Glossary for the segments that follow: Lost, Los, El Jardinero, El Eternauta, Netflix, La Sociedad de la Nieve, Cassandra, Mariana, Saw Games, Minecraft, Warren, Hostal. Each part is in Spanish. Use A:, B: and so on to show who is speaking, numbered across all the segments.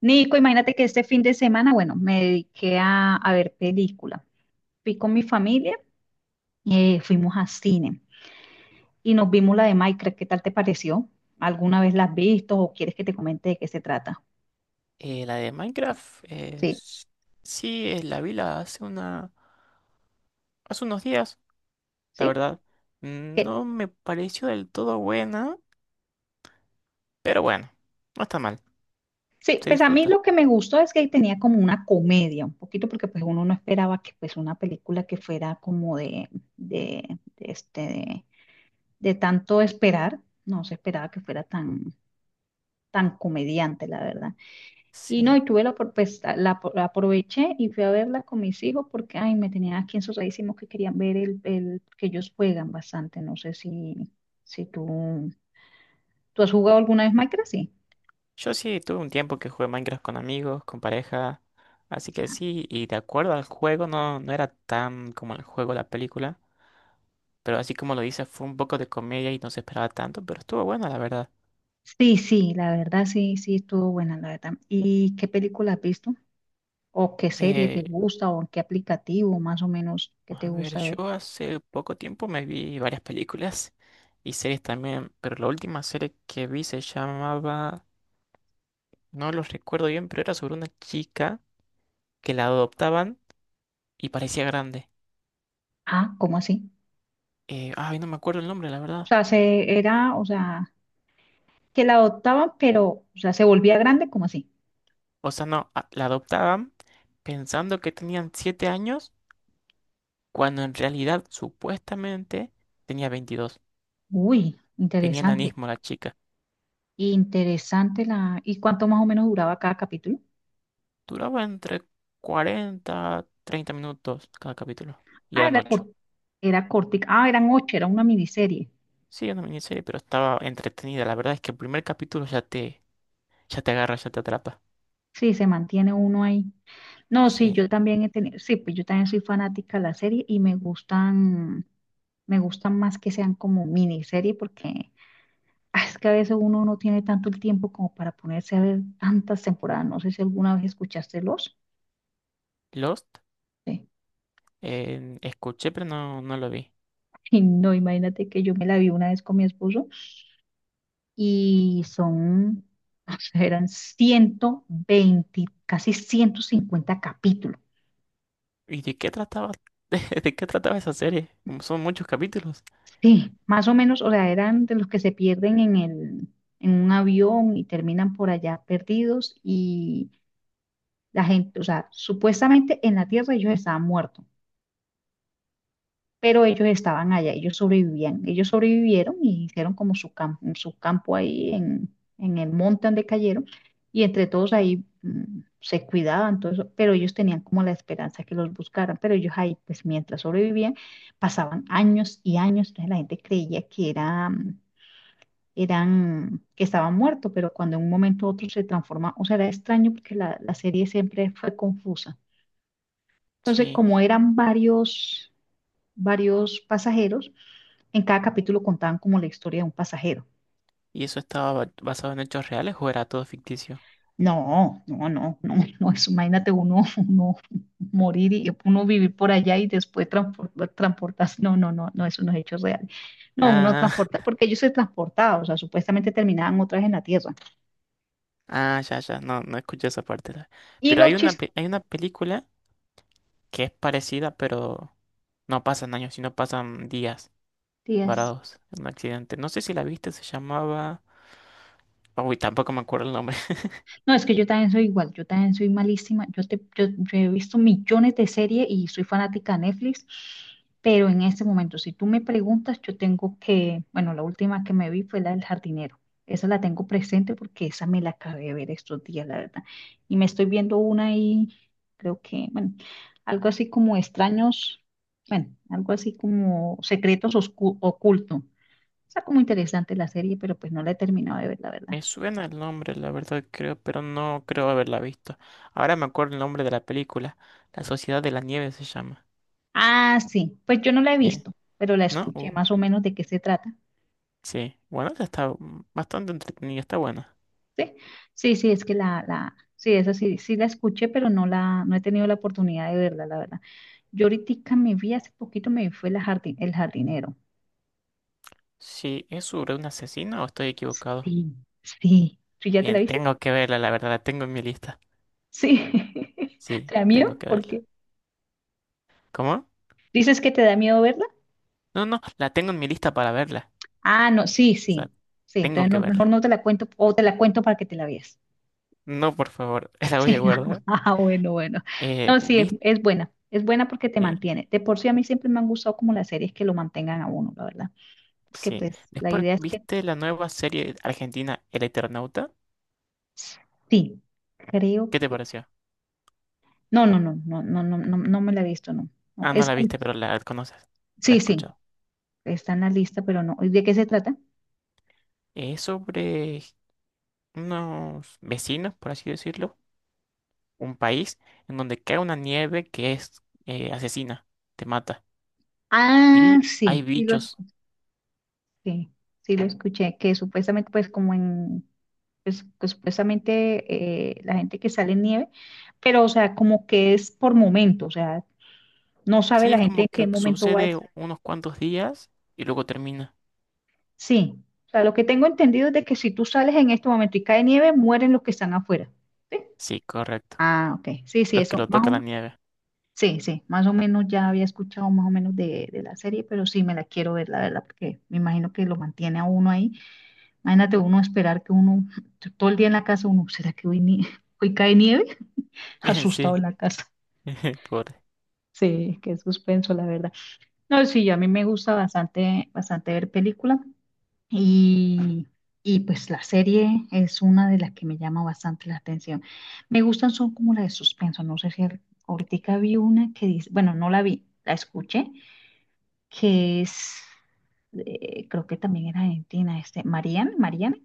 A: Nico, imagínate que este fin de semana, bueno, me dediqué a ver película. Fui con mi familia, fuimos a cine y nos vimos la de Minecraft. ¿Qué tal te pareció? ¿Alguna vez la has visto o quieres que te comente de qué se trata?
B: La de Minecraft,
A: Sí,
B: sí, la vi la hace una, hace unos días, la
A: sí,
B: verdad.
A: que
B: No me pareció del todo buena, pero bueno, no está mal,
A: sí.
B: se
A: Pues a mí
B: disfruta.
A: lo que me gustó es que tenía como una comedia, un poquito, porque pues uno no esperaba que, pues, una película que fuera como de, de este, de, de tanto esperar, no se esperaba que fuera tan, tan comediante, la verdad. Y no,
B: Sí.
A: y tuve opor- pues, la apro- la aproveché y fui a verla con mis hijos porque, ay, me tenían aquí ensuciadísimos que querían ver que ellos juegan bastante. No sé si, si tú, ¿tú has jugado alguna vez Minecraft? Sí.
B: Yo sí tuve un tiempo que jugué Minecraft con amigos, con pareja, así que sí, y de acuerdo al juego, no, no era tan como el juego, la película, pero así como lo dices, fue un poco de comedia y no se esperaba tanto, pero estuvo buena, la verdad.
A: Sí, sí, la verdad sí, sí, estuvo buena, la verdad. ¿Y qué película has visto? ¿O qué serie te
B: Eh,
A: gusta? ¿O en qué aplicativo más o menos que te
B: A ver,
A: gusta ver?
B: yo hace poco tiempo me vi varias películas y series también, pero la última serie que vi se llamaba, no los recuerdo bien, pero era sobre una chica que la adoptaban y parecía grande.
A: Ah, ¿cómo así?
B: Ay, no me acuerdo el nombre, la
A: O
B: verdad.
A: sea, se era, o sea, que la adoptaban, pero, o sea, se volvía grande, ¿cómo así?
B: O sea, no, la adoptaban pensando que tenían 7 años, cuando en realidad supuestamente tenía 22.
A: Uy,
B: Tenía
A: interesante.
B: enanismo la chica.
A: Interesante la... ¿Y cuánto más o menos duraba cada capítulo?
B: Duraba entre 40, 30 minutos cada capítulo y
A: Ah,
B: eran
A: era
B: 8.
A: cort Era cortica. Ah, eran ocho, era una miniserie.
B: Sí, es una miniserie, pero estaba entretenida. La verdad es que el primer capítulo ya te agarra, ya te atrapa.
A: Sí, se mantiene uno ahí. No, sí,
B: Sí.
A: yo también he tenido, sí, pues yo también soy fanática de la serie y me gustan más que sean como miniserie, porque ah, es que a veces uno no tiene tanto el tiempo como para ponerse a ver tantas temporadas. No sé si alguna vez escuchaste Los.
B: Lost,
A: Sí.
B: escuché, pero no, no lo vi.
A: Y no, imagínate que yo me la vi una vez con mi esposo y son, o sea, eran 120, casi 150 capítulos.
B: ¿Y de qué trataba? ¿De qué trataba esa serie? Como son muchos capítulos.
A: Sí, más o menos, o sea, eran de los que se pierden en un avión y terminan por allá perdidos y la gente, o sea, supuestamente en la Tierra ellos estaban muertos, pero ellos estaban allá, ellos sobrevivían, ellos sobrevivieron y hicieron como su campo ahí en el monte donde cayeron y entre todos ahí se cuidaban, todo eso, pero ellos tenían como la esperanza que los buscaran, pero ellos ahí, pues mientras sobrevivían, pasaban años y años. Entonces la gente creía que era, eran, que estaban muertos, pero cuando en un momento u otro se transforma, o sea, era extraño porque la serie siempre fue confusa. Entonces,
B: Sí.
A: como eran varios, varios pasajeros, en cada capítulo contaban como la historia de un pasajero.
B: ¿Y eso estaba basado en hechos reales o era todo ficticio?
A: No, no, no, no, no, eso, imagínate uno, uno morir y uno vivir por allá y después transpor- transportarse. No, no, no, no, eso no es hechos reales. No, uno
B: Ah,
A: transporta, porque ellos se transportaban, o sea, supuestamente terminaban otra vez en la tierra.
B: ah, ya, ya. No, no escuché esa parte. La.
A: Y
B: Pero
A: los
B: hay una, hay una película que es parecida, pero no pasan años, sino pasan días
A: chistes,
B: varados en un accidente. No sé si la viste, se llamaba. Uy, tampoco me acuerdo el nombre.
A: no, es que yo también soy igual, yo también soy malísima. Yo, te, yo he visto millones de series y soy fanática de Netflix, pero en este momento, si tú me preguntas, yo tengo que, bueno, la última que me vi fue la del jardinero. Esa la tengo presente porque esa me la acabé de ver estos días, la verdad. Y me estoy viendo una y creo que, bueno, algo así como extraños, bueno, algo así como secretos oscu- ocultos. Está como interesante la serie, pero pues no la he terminado de ver, la verdad.
B: Me suena el nombre, la verdad creo, pero no creo haberla visto. Ahora me acuerdo el nombre de la película. La Sociedad de la Nieve se llama.
A: Ah, sí, pues yo no la he
B: Eh,
A: visto, pero la
B: ¿No?
A: escuché más o menos de qué se trata.
B: Sí. Bueno, esa está bastante entretenida, está buena.
A: Sí, sí, sí, es que sí, esa sí, sí la escuché, pero no la, no he tenido la oportunidad de verla, la verdad. Yo ahorita me vi, hace poquito me vi, fue la jardin, El Jardinero.
B: Sí, ¿es sobre un asesino o estoy equivocado?
A: Sí, sí. ¿Tú ya te la
B: Bien,
A: viste?
B: tengo que verla, la verdad, la tengo en mi lista.
A: Sí. ¿Te
B: Sí,
A: da
B: tengo
A: miedo?
B: que
A: ¿Por
B: verla.
A: qué?
B: ¿Cómo?
A: ¿Dices que te da miedo verla?
B: No, no, la tengo en mi lista para verla.
A: Ah, no, sí,
B: O
A: sí,
B: sea,
A: sí.
B: tengo
A: Entonces
B: que
A: no- mejor
B: verla.
A: no te la cuento, o te la cuento para que te la veas.
B: No, por favor, la voy a
A: Sí,
B: guardar.
A: ah, bueno, bueno. No, sí,
B: ¿Viste?
A: es buena. Es buena porque te mantiene. De por sí a mí siempre me han gustado como las series que lo mantengan a uno, la verdad. Porque
B: Sí.
A: pues la
B: Después,
A: idea es que
B: ¿viste la nueva serie argentina El Eternauta?
A: sí, creo
B: ¿Qué te
A: que...
B: pareció?
A: No, no, no, no, no, no, no, no me la he visto, no. No,
B: Ah, no
A: es-
B: la viste, pero la conoces. La
A: sí,
B: has
A: sí,
B: escuchado.
A: está en la lista, pero no. ¿Y ¿De qué se trata?
B: Es sobre unos vecinos, por así decirlo. Un país en donde cae una nieve que es asesina, te mata.
A: Ah,
B: Y hay
A: sí, sí lo
B: bichos.
A: escuché. Sí, sí lo escuché. Que supuestamente pues como en... Pues, que supuestamente la gente que sale en nieve, pero o sea, como que es por momentos, o sea, no sabe
B: Sí,
A: la
B: es
A: gente
B: como
A: en qué
B: que
A: momento va a...
B: sucede unos cuantos días y luego termina.
A: Sí, o sea, lo que tengo entendido es de que si tú sales en este momento y cae nieve, mueren los que están afuera. ¿Sí?
B: Sí, correcto.
A: Ah, ok. Sí, sí,
B: Los que
A: eso,
B: lo
A: más o
B: toca la
A: menos.
B: nieve.
A: Sí, sí, más o menos ya había escuchado más o menos de la serie, pero sí me la quiero ver, la verdad, porque me imagino que lo mantiene a uno ahí. Imagínate uno esperar que uno, todo el día en la casa, uno, ¿será que hoy, nie- hoy cae nieve? Asustado
B: Sí.
A: en la casa.
B: Pobre.
A: Sí, qué suspenso, la verdad. No, sí, a mí me gusta bastante, bastante ver películas. Y, y pues la serie es una de las que me llama bastante la atención. Me gustan, son como las de suspenso. No sé si al- ahorita vi una que dice, bueno, no la vi, la escuché, que es, creo que también era argentina, este, Mariana, Mariana.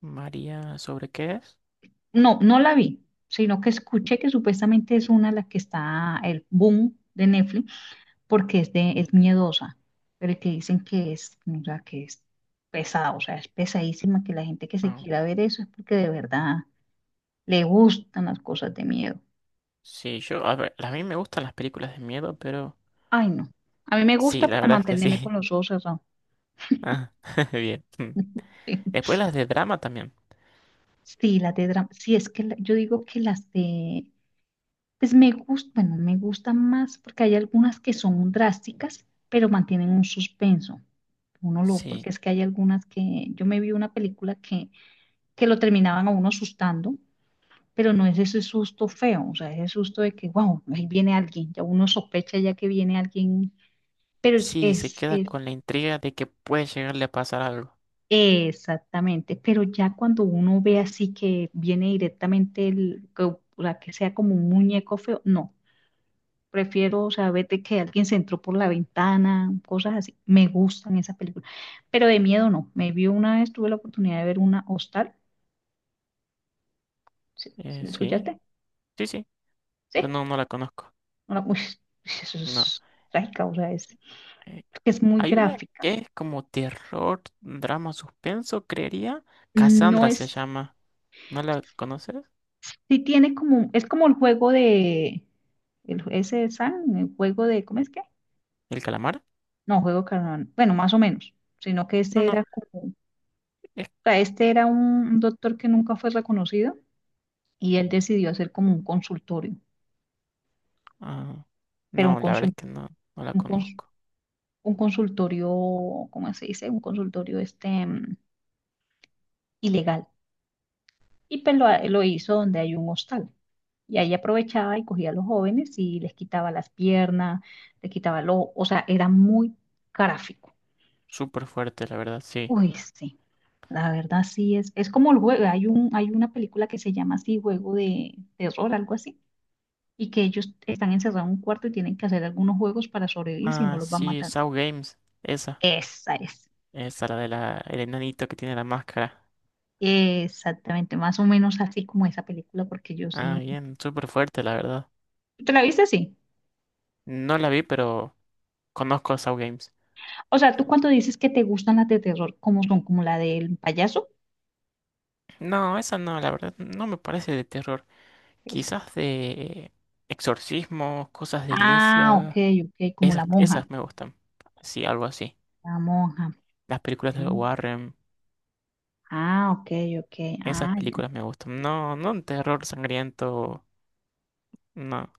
B: María, ¿sobre qué es?
A: No, no la vi, sino que escuché que supuestamente es una la que está el boom de Netflix porque es, de, es miedosa, pero que dicen que es, o sea, que es pesada, o sea, es pesadísima, que la gente que se
B: Ah.
A: quiera ver eso es porque de verdad le gustan las cosas de miedo.
B: Sí, yo, a ver, a mí me gustan las películas de miedo, pero
A: Ay, no. A mí me
B: sí,
A: gusta,
B: la
A: pero
B: verdad es que
A: mantenerme con
B: sí.
A: los ojos cerrados.
B: Ah, bien. Mm.
A: Sí,
B: Después las de drama también.
A: sí, las de drama. Sí, es que la- yo digo que las de, pues me gustan, bueno, me gustan más porque hay algunas que son drásticas, pero mantienen un suspenso. Uno lo, porque
B: Sí,
A: es que hay algunas que, yo me vi una película que lo terminaban a uno asustando, pero no es ese susto feo, o sea, ese susto de que, wow, ahí viene alguien, ya uno sospecha ya que viene alguien, pero
B: sí, se queda
A: es-
B: con la intriga de que puede llegarle a pasar algo.
A: exactamente, pero ya cuando uno ve así que viene directamente el, que, o sea, que sea como un muñeco feo, no, prefiero, o sea, vete que alguien se entró por la ventana, cosas así, me gustan esas películas, pero de miedo no, me vi una vez, tuve la oportunidad de ver una Hostal, ¿sí, ¿sí la
B: Sí,
A: escuchaste?
B: sí, sí,
A: Sí,
B: pero no, no la conozco.
A: una, uy, eso
B: No.
A: es trágica, o sea, es
B: Eh,
A: porque es muy
B: Hay una
A: gráfica.
B: que es como terror, drama, suspenso, creería.
A: No
B: Cassandra se
A: es,
B: llama. ¿No la conoces?
A: sí tiene como, es como el juego de, el, ese de San, el juego de, ¿cómo es que?
B: ¿El calamar?
A: No, juego de Carnaval, bueno, más o menos, sino que
B: No,
A: ese
B: no,
A: era como, o
B: es...
A: sea, este era un doctor que nunca fue reconocido y él decidió hacer como un consultorio,
B: Ah,
A: pero un,
B: no, la verdad
A: consul-
B: es que no, no la
A: un, cons-
B: conozco.
A: un consultorio, ¿cómo se dice? Un consultorio este ilegal. Y pues lo hizo donde hay un hostal. Y ahí aprovechaba y cogía a los jóvenes y les quitaba las piernas, les quitaba el ojo, o sea, era muy gráfico.
B: Súper fuerte, la verdad, sí.
A: Uy, sí, la verdad sí es como el juego, hay un, hay una película que se llama así, juego de terror, algo así, y que ellos están encerrados en un cuarto y tienen que hacer algunos juegos para sobrevivir si no
B: Ah,
A: los van
B: sí,
A: matando.
B: Saw Games, esa.
A: Esa es,
B: Esa, la de la, el enanito que tiene la máscara.
A: exactamente, más o menos así como esa película, porque yo
B: Ah,
A: sí.
B: bien, súper fuerte, la verdad.
A: ¿Tú ¿Te la viste así?
B: No la vi, pero conozco a Saw Games.
A: O sea, ¿tú cuando dices que te gustan las de terror, cómo son? ¿Como la del payaso?
B: No, esa no, la verdad, no me parece de terror. Quizás de exorcismos, cosas de
A: Ah, ok,
B: iglesia.
A: ok, como la
B: Esas,
A: monja.
B: esas me gustan. Sí, algo así.
A: La monja.
B: Las películas de
A: Ujú.
B: Warren,
A: Ah, ok, ok.
B: esas
A: Ah,
B: películas me gustan. No, no un terror sangriento. No.